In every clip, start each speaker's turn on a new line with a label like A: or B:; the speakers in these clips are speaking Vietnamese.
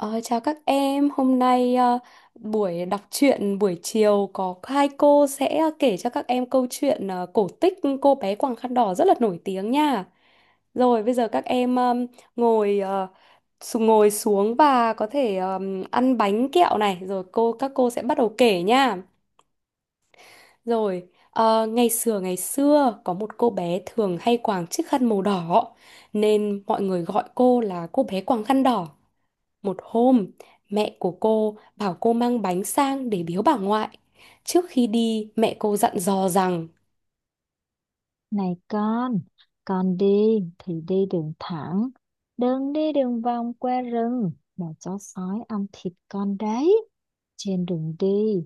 A: Ờ, Chào các em, hôm nay buổi đọc truyện buổi chiều có hai cô sẽ kể cho các em câu chuyện cổ tích cô bé quàng khăn đỏ rất là nổi tiếng nha. Rồi bây giờ các em ngồi ngồi xuống và có thể ăn bánh kẹo này, rồi cô các cô sẽ bắt đầu kể nha. Rồi ngày xưa có một cô bé thường hay quàng chiếc khăn màu đỏ nên mọi người gọi cô là cô bé quàng khăn đỏ. Một hôm, mẹ của cô bảo cô mang bánh sang để biếu bà ngoại. Trước khi đi, mẹ cô dặn dò rằng
B: Này con đi thì đi đường thẳng, đừng đi đường vòng qua rừng mà chó sói ăn thịt con đấy. Trên đường đi,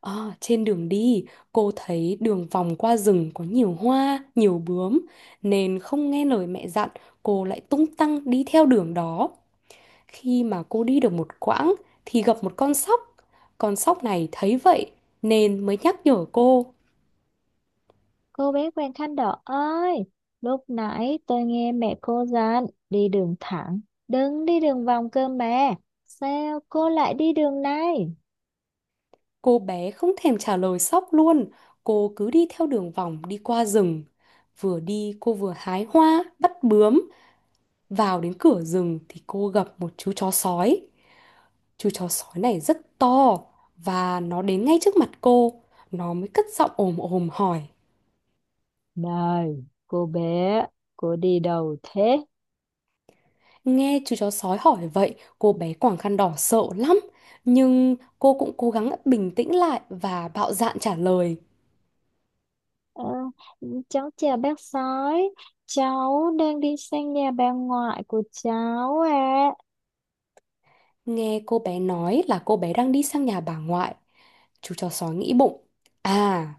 A: "Ờ, trên đường đi, cô thấy đường vòng qua rừng có nhiều hoa, nhiều bướm, nên không nghe lời mẹ dặn, cô lại tung tăng đi theo đường đó. Khi mà cô đi được một quãng thì gặp một con sóc. Con sóc này thấy vậy nên mới nhắc nhở cô.
B: cô bé Quàng Khăn Đỏ ơi, lúc nãy tôi nghe mẹ cô dặn đi đường thẳng, đừng đi đường vòng cơ mà. Sao cô lại đi đường này?
A: Cô bé không thèm trả lời sóc luôn, cô cứ đi theo đường vòng đi qua rừng. Vừa đi cô vừa hái hoa, bắt bướm. Vào đến cửa rừng thì cô gặp một chú chó sói. Chú chó sói này rất to và nó đến ngay trước mặt cô. Nó mới cất giọng ồm ồm hỏi.
B: Này, cô bé, cô đi đâu thế?
A: Nghe chú chó sói hỏi vậy, cô bé quàng khăn đỏ sợ lắm. Nhưng cô cũng cố gắng bình tĩnh lại và bạo dạn trả lời.
B: Ờ, cháu chào bác sói, cháu đang đi sang nhà bà ngoại của cháu ạ. À.
A: Nghe cô bé nói là cô bé đang đi sang nhà bà ngoại. Chú chó sói nghĩ bụng. À,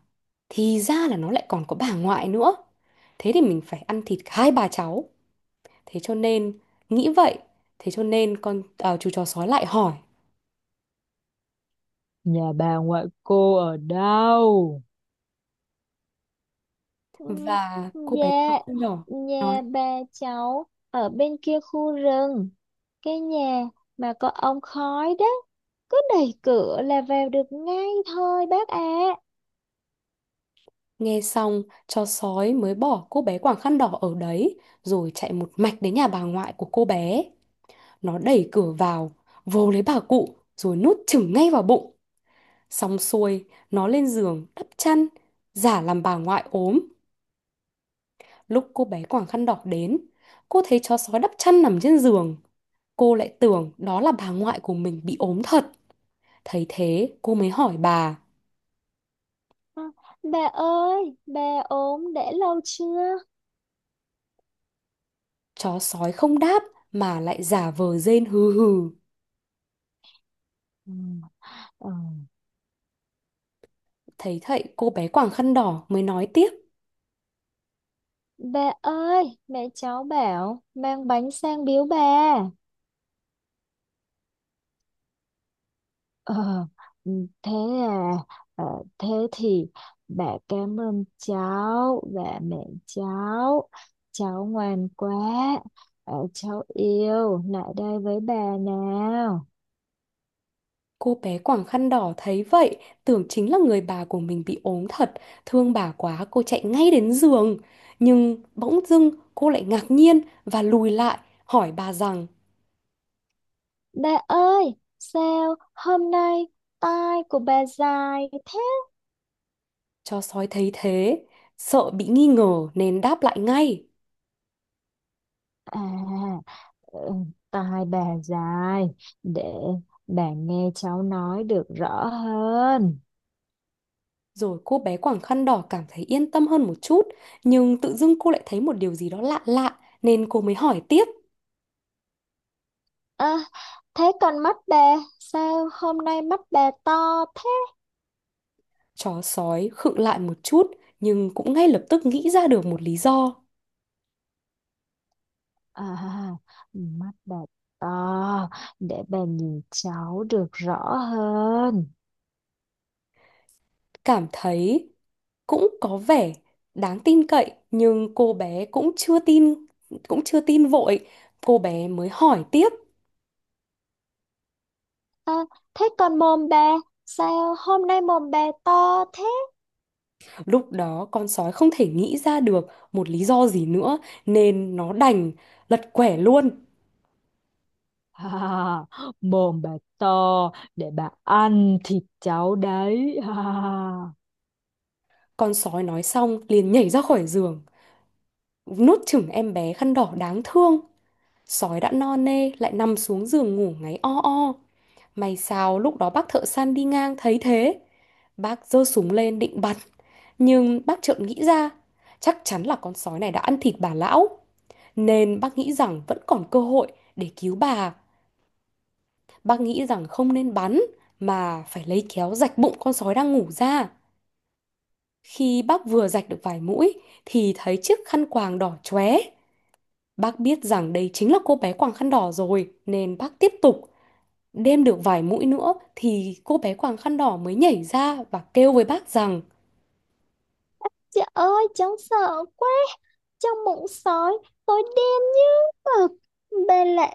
A: thì ra là nó lại còn có bà ngoại nữa. Thế thì mình phải ăn thịt hai bà cháu. Thế cho nên, nghĩ vậy. Thế cho nên con à, chú chó sói lại hỏi.
B: Nhà bà ngoại cô ở đâu? Ừ,
A: Và cô bé quàng
B: dạ,
A: khăn đỏ nói.
B: nhà bà cháu ở bên kia khu rừng, cái nhà mà có ống khói đó, cứ đẩy cửa là vào được ngay thôi bác ạ.
A: Nghe xong, chó sói mới bỏ cô bé quàng khăn đỏ ở đấy. Rồi chạy một mạch đến nhà bà ngoại của cô bé. Nó đẩy cửa vào, vồ lấy bà cụ, rồi nuốt chửng ngay vào bụng. Xong xuôi, nó lên giường đắp chăn, giả làm bà ngoại ốm. Lúc cô bé quàng khăn đỏ đến, cô thấy chó sói đắp chăn nằm trên giường. Cô lại tưởng đó là bà ngoại của mình bị ốm thật. Thấy thế, cô mới hỏi bà.
B: À. Bà ơi, bà ốm đã lâu chưa?
A: Chó sói không đáp mà lại giả vờ rên hừ hừ.
B: Ừ. Ừ.
A: Thấy vậy, cô bé quàng khăn đỏ mới nói tiếp.
B: Bà ơi, mẹ cháu bảo mang bánh sang biếu bà. Ờ, ừ, thế à, ờ, thế thì bà cảm ơn cháu và mẹ cháu. Cháu ngoan quá, ờ, cháu yêu, lại đây với bà nào.
A: Cô bé quàng khăn đỏ thấy vậy, tưởng chính là người bà của mình bị ốm thật, thương bà quá cô chạy ngay đến giường. Nhưng bỗng dưng cô lại ngạc nhiên và lùi lại, hỏi bà rằng,
B: Bà ơi, sao hôm nay tai của bà dài thế?
A: cho sói thấy thế, sợ bị nghi ngờ nên đáp lại ngay.
B: À, ừ, tai bà dài, để bà nghe cháu nói được rõ hơn.
A: Rồi cô bé quàng khăn đỏ cảm thấy yên tâm hơn một chút, nhưng tự dưng cô lại thấy một điều gì đó lạ lạ nên cô mới hỏi tiếp.
B: À, thế còn mắt bà sao hôm nay mắt bà to thế?
A: Chó sói khựng lại một chút nhưng cũng ngay lập tức nghĩ ra được một lý do.
B: À, mắt bà to để bà nhìn cháu được rõ hơn.
A: Cảm thấy cũng có vẻ đáng tin cậy nhưng cô bé cũng chưa tin vội cô bé mới hỏi tiếp.
B: À, thế còn mồm bà sao hôm nay mồm bà to thế?
A: Lúc đó con sói không thể nghĩ ra được một lý do gì nữa nên nó đành lật quẻ luôn.
B: À, mồm bà to để bà ăn thịt cháu đấy. À.
A: Con sói nói xong liền nhảy ra khỏi giường nuốt chửng em bé khăn đỏ đáng thương. Sói đã no nê lại nằm xuống giường ngủ ngáy o o. May sao lúc đó bác thợ săn đi ngang thấy thế. Bác giơ súng lên định bắn. Nhưng bác chợt nghĩ ra, chắc chắn là con sói này đã ăn thịt bà lão. Nên bác nghĩ rằng vẫn còn cơ hội để cứu bà. Bác nghĩ rằng không nên bắn mà phải lấy kéo rạch bụng con sói đang ngủ ra. Khi bác vừa rạch được vài mũi thì thấy chiếc khăn quàng đỏ chóe. Bác biết rằng đây chính là cô bé quàng khăn đỏ rồi nên bác tiếp tục. Đêm được vài mũi nữa thì cô bé quàng khăn đỏ mới nhảy ra và kêu với bác rằng
B: Trời ơi, cháu sợ quá. Trong bụng sói, tôi đen như mực. Bà lạ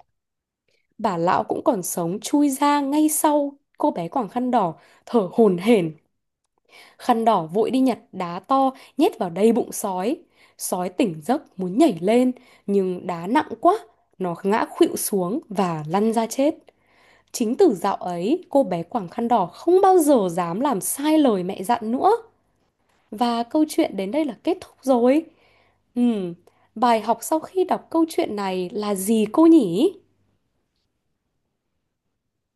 A: bà lão cũng còn sống chui ra ngay sau cô bé quàng khăn đỏ thở hổn hển. Khăn đỏ vội đi nhặt đá to nhét vào đầy bụng sói. Sói tỉnh giấc muốn nhảy lên nhưng đá nặng quá, nó ngã khuỵu xuống và lăn ra chết. Chính từ dạo ấy, cô bé quàng khăn đỏ không bao giờ dám làm sai lời mẹ dặn nữa. Và câu chuyện đến đây là kết thúc rồi. Ừm, Bài học sau khi đọc câu chuyện này là gì cô nhỉ?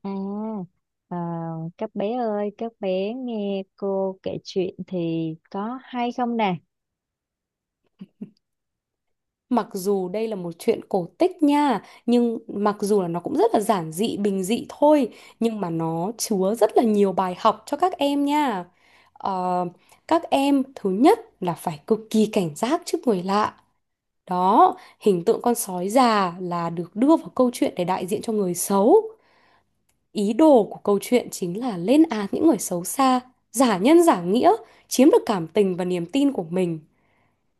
B: à, à, các bé ơi, các bé nghe cô kể chuyện thì có hay không nè?
A: Mặc dù đây là một chuyện cổ tích nha, nhưng mặc dù là nó cũng rất là giản dị, bình dị thôi, nhưng mà nó chứa rất là nhiều bài học cho các em nha. Ờ, các em thứ nhất là phải cực kỳ cảnh giác trước người lạ. Đó, hình tượng con sói già là được đưa vào câu chuyện để đại diện cho người xấu. Ý đồ của câu chuyện chính là lên án những người xấu xa, giả nhân giả nghĩa, chiếm được cảm tình và niềm tin của mình.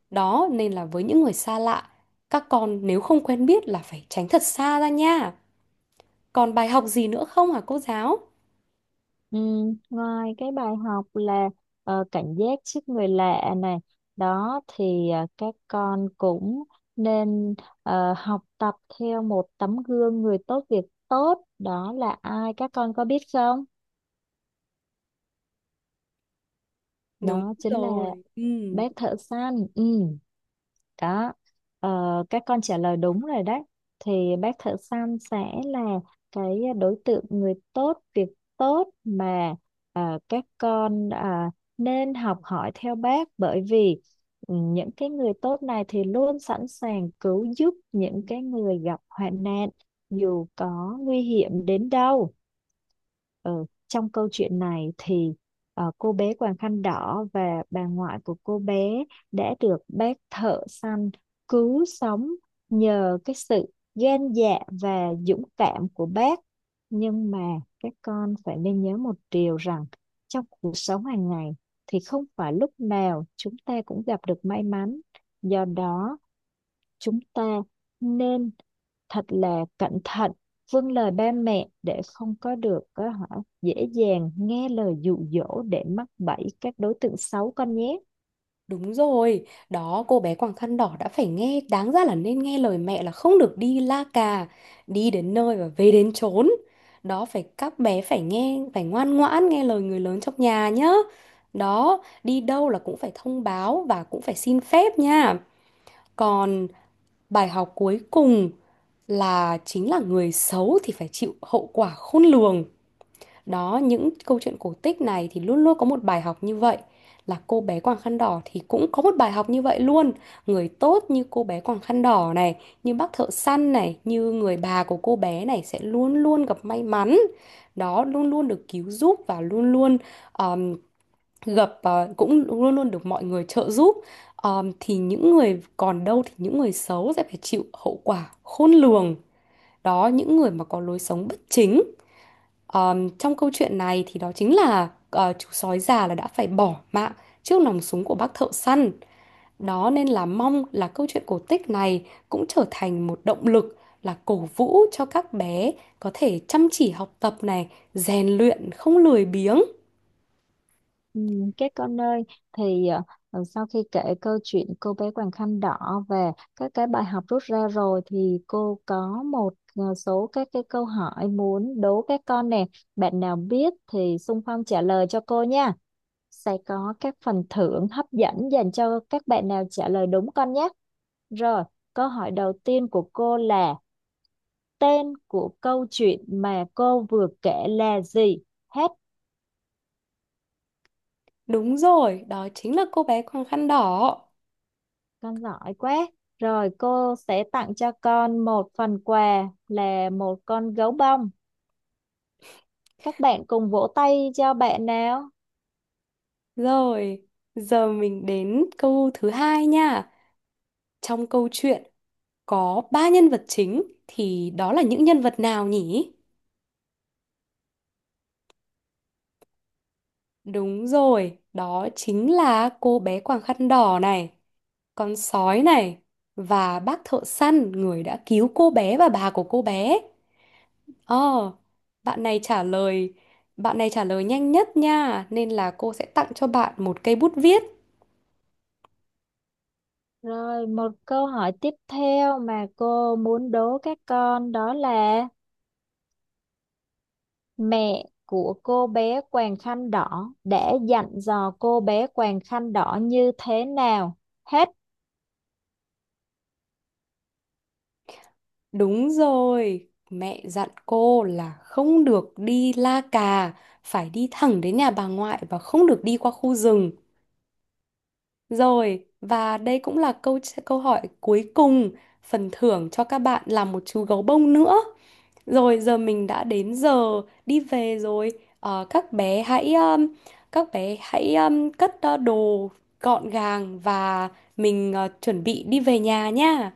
A: Đó nên là với những người xa lạ, các con nếu không quen biết là phải tránh thật xa ra nha. Còn bài học gì nữa không hả cô giáo?
B: Ừ, ngoài cái bài học là cảnh giác trước người lạ này, đó thì các con cũng nên học tập theo một tấm gương người tốt việc tốt, đó là ai các con có biết không?
A: Đúng
B: Đó chính là
A: rồi. Ừ.
B: bác thợ săn. Ừ. Đó, ờ, các con trả lời đúng rồi đấy. Thì bác thợ săn sẽ là cái đối tượng người tốt, việc tốt mà à, các con à, nên học hỏi theo bác bởi vì ừ, những cái người tốt này thì luôn sẵn sàng cứu giúp những cái người gặp hoạn nạn dù có nguy hiểm đến đâu. Ừ, trong câu chuyện này thì cô bé quàng khăn đỏ và bà ngoại của cô bé đã được bác thợ săn cứu sống nhờ cái sự gan dạ và dũng cảm của bác. Nhưng mà các con phải nên nhớ một điều rằng trong cuộc sống hàng ngày thì không phải lúc nào chúng ta cũng gặp được may mắn. Do đó chúng ta nên thật là cẩn thận vâng lời ba mẹ để không có được có hả dễ dàng nghe lời dụ dỗ để mắc bẫy các đối tượng xấu con nhé.
A: Đúng rồi, đó cô bé quàng khăn đỏ đã phải nghe, đáng ra là nên nghe lời mẹ là không được đi la cà, đi đến nơi và về đến chốn. Đó phải các bé phải nghe, phải ngoan ngoãn nghe lời người lớn trong nhà nhá. Đó, đi đâu là cũng phải thông báo và cũng phải xin phép nha. Còn bài học cuối cùng là chính là người xấu thì phải chịu hậu quả khôn lường. Đó, những câu chuyện cổ tích này thì luôn luôn có một bài học như vậy. Là cô bé quàng khăn đỏ thì cũng có một bài học như vậy luôn. Người tốt như cô bé quàng khăn đỏ này, như bác thợ săn này, như người bà của cô bé này sẽ luôn luôn gặp may mắn. Đó, luôn luôn được cứu giúp và luôn luôn um, gặp cũng luôn luôn được mọi người trợ giúp. Thì những người còn đâu thì những người xấu sẽ phải chịu hậu quả khôn lường. Đó, những người mà có lối sống bất chính. Trong câu chuyện này thì đó chính là chú sói già là đã phải bỏ mạng trước nòng súng của bác thợ săn. Đó nên là mong là câu chuyện cổ tích này cũng trở thành một động lực là cổ vũ cho các bé có thể chăm chỉ học tập này, rèn luyện không lười biếng.
B: Các con ơi thì ờ, sau khi kể câu chuyện cô bé Quàng Khăn Đỏ và các cái bài học rút ra rồi thì cô có một số các cái câu hỏi muốn đố các con nè, bạn nào biết thì xung phong trả lời cho cô nha, sẽ có các phần thưởng hấp dẫn dành cho các bạn nào trả lời đúng con nhé. Rồi, câu hỏi đầu tiên của cô là tên của câu chuyện mà cô vừa kể là gì? Hết,
A: Đúng rồi, đó chính là cô bé quàng khăn đỏ.
B: con giỏi quá. Rồi cô sẽ tặng cho con một phần quà là một con gấu bông. Các bạn cùng vỗ tay cho bạn nào.
A: Rồi, giờ mình đến câu thứ hai nha. Trong câu chuyện có ba nhân vật chính thì đó là những nhân vật nào nhỉ? Đúng rồi, đó chính là cô bé quàng khăn đỏ này, con sói này và bác thợ săn người đã cứu cô bé và bà của cô bé. Ờ, bạn này trả lời, bạn này trả lời nhanh nhất nha, nên là cô sẽ tặng cho bạn một cây bút viết.
B: Rồi một câu hỏi tiếp theo mà cô muốn đố các con đó là mẹ của cô bé quàng khăn đỏ đã dặn dò cô bé quàng khăn đỏ như thế nào? Hết.
A: Đúng rồi, mẹ dặn cô là không được đi la cà, phải đi thẳng đến nhà bà ngoại và không được đi qua khu rừng. Rồi, và đây cũng là câu câu hỏi cuối cùng, phần thưởng cho các bạn là một chú gấu bông nữa. Rồi giờ mình đã đến giờ đi về rồi. Các bé hãy cất đồ gọn gàng và mình chuẩn bị đi về nhà nha.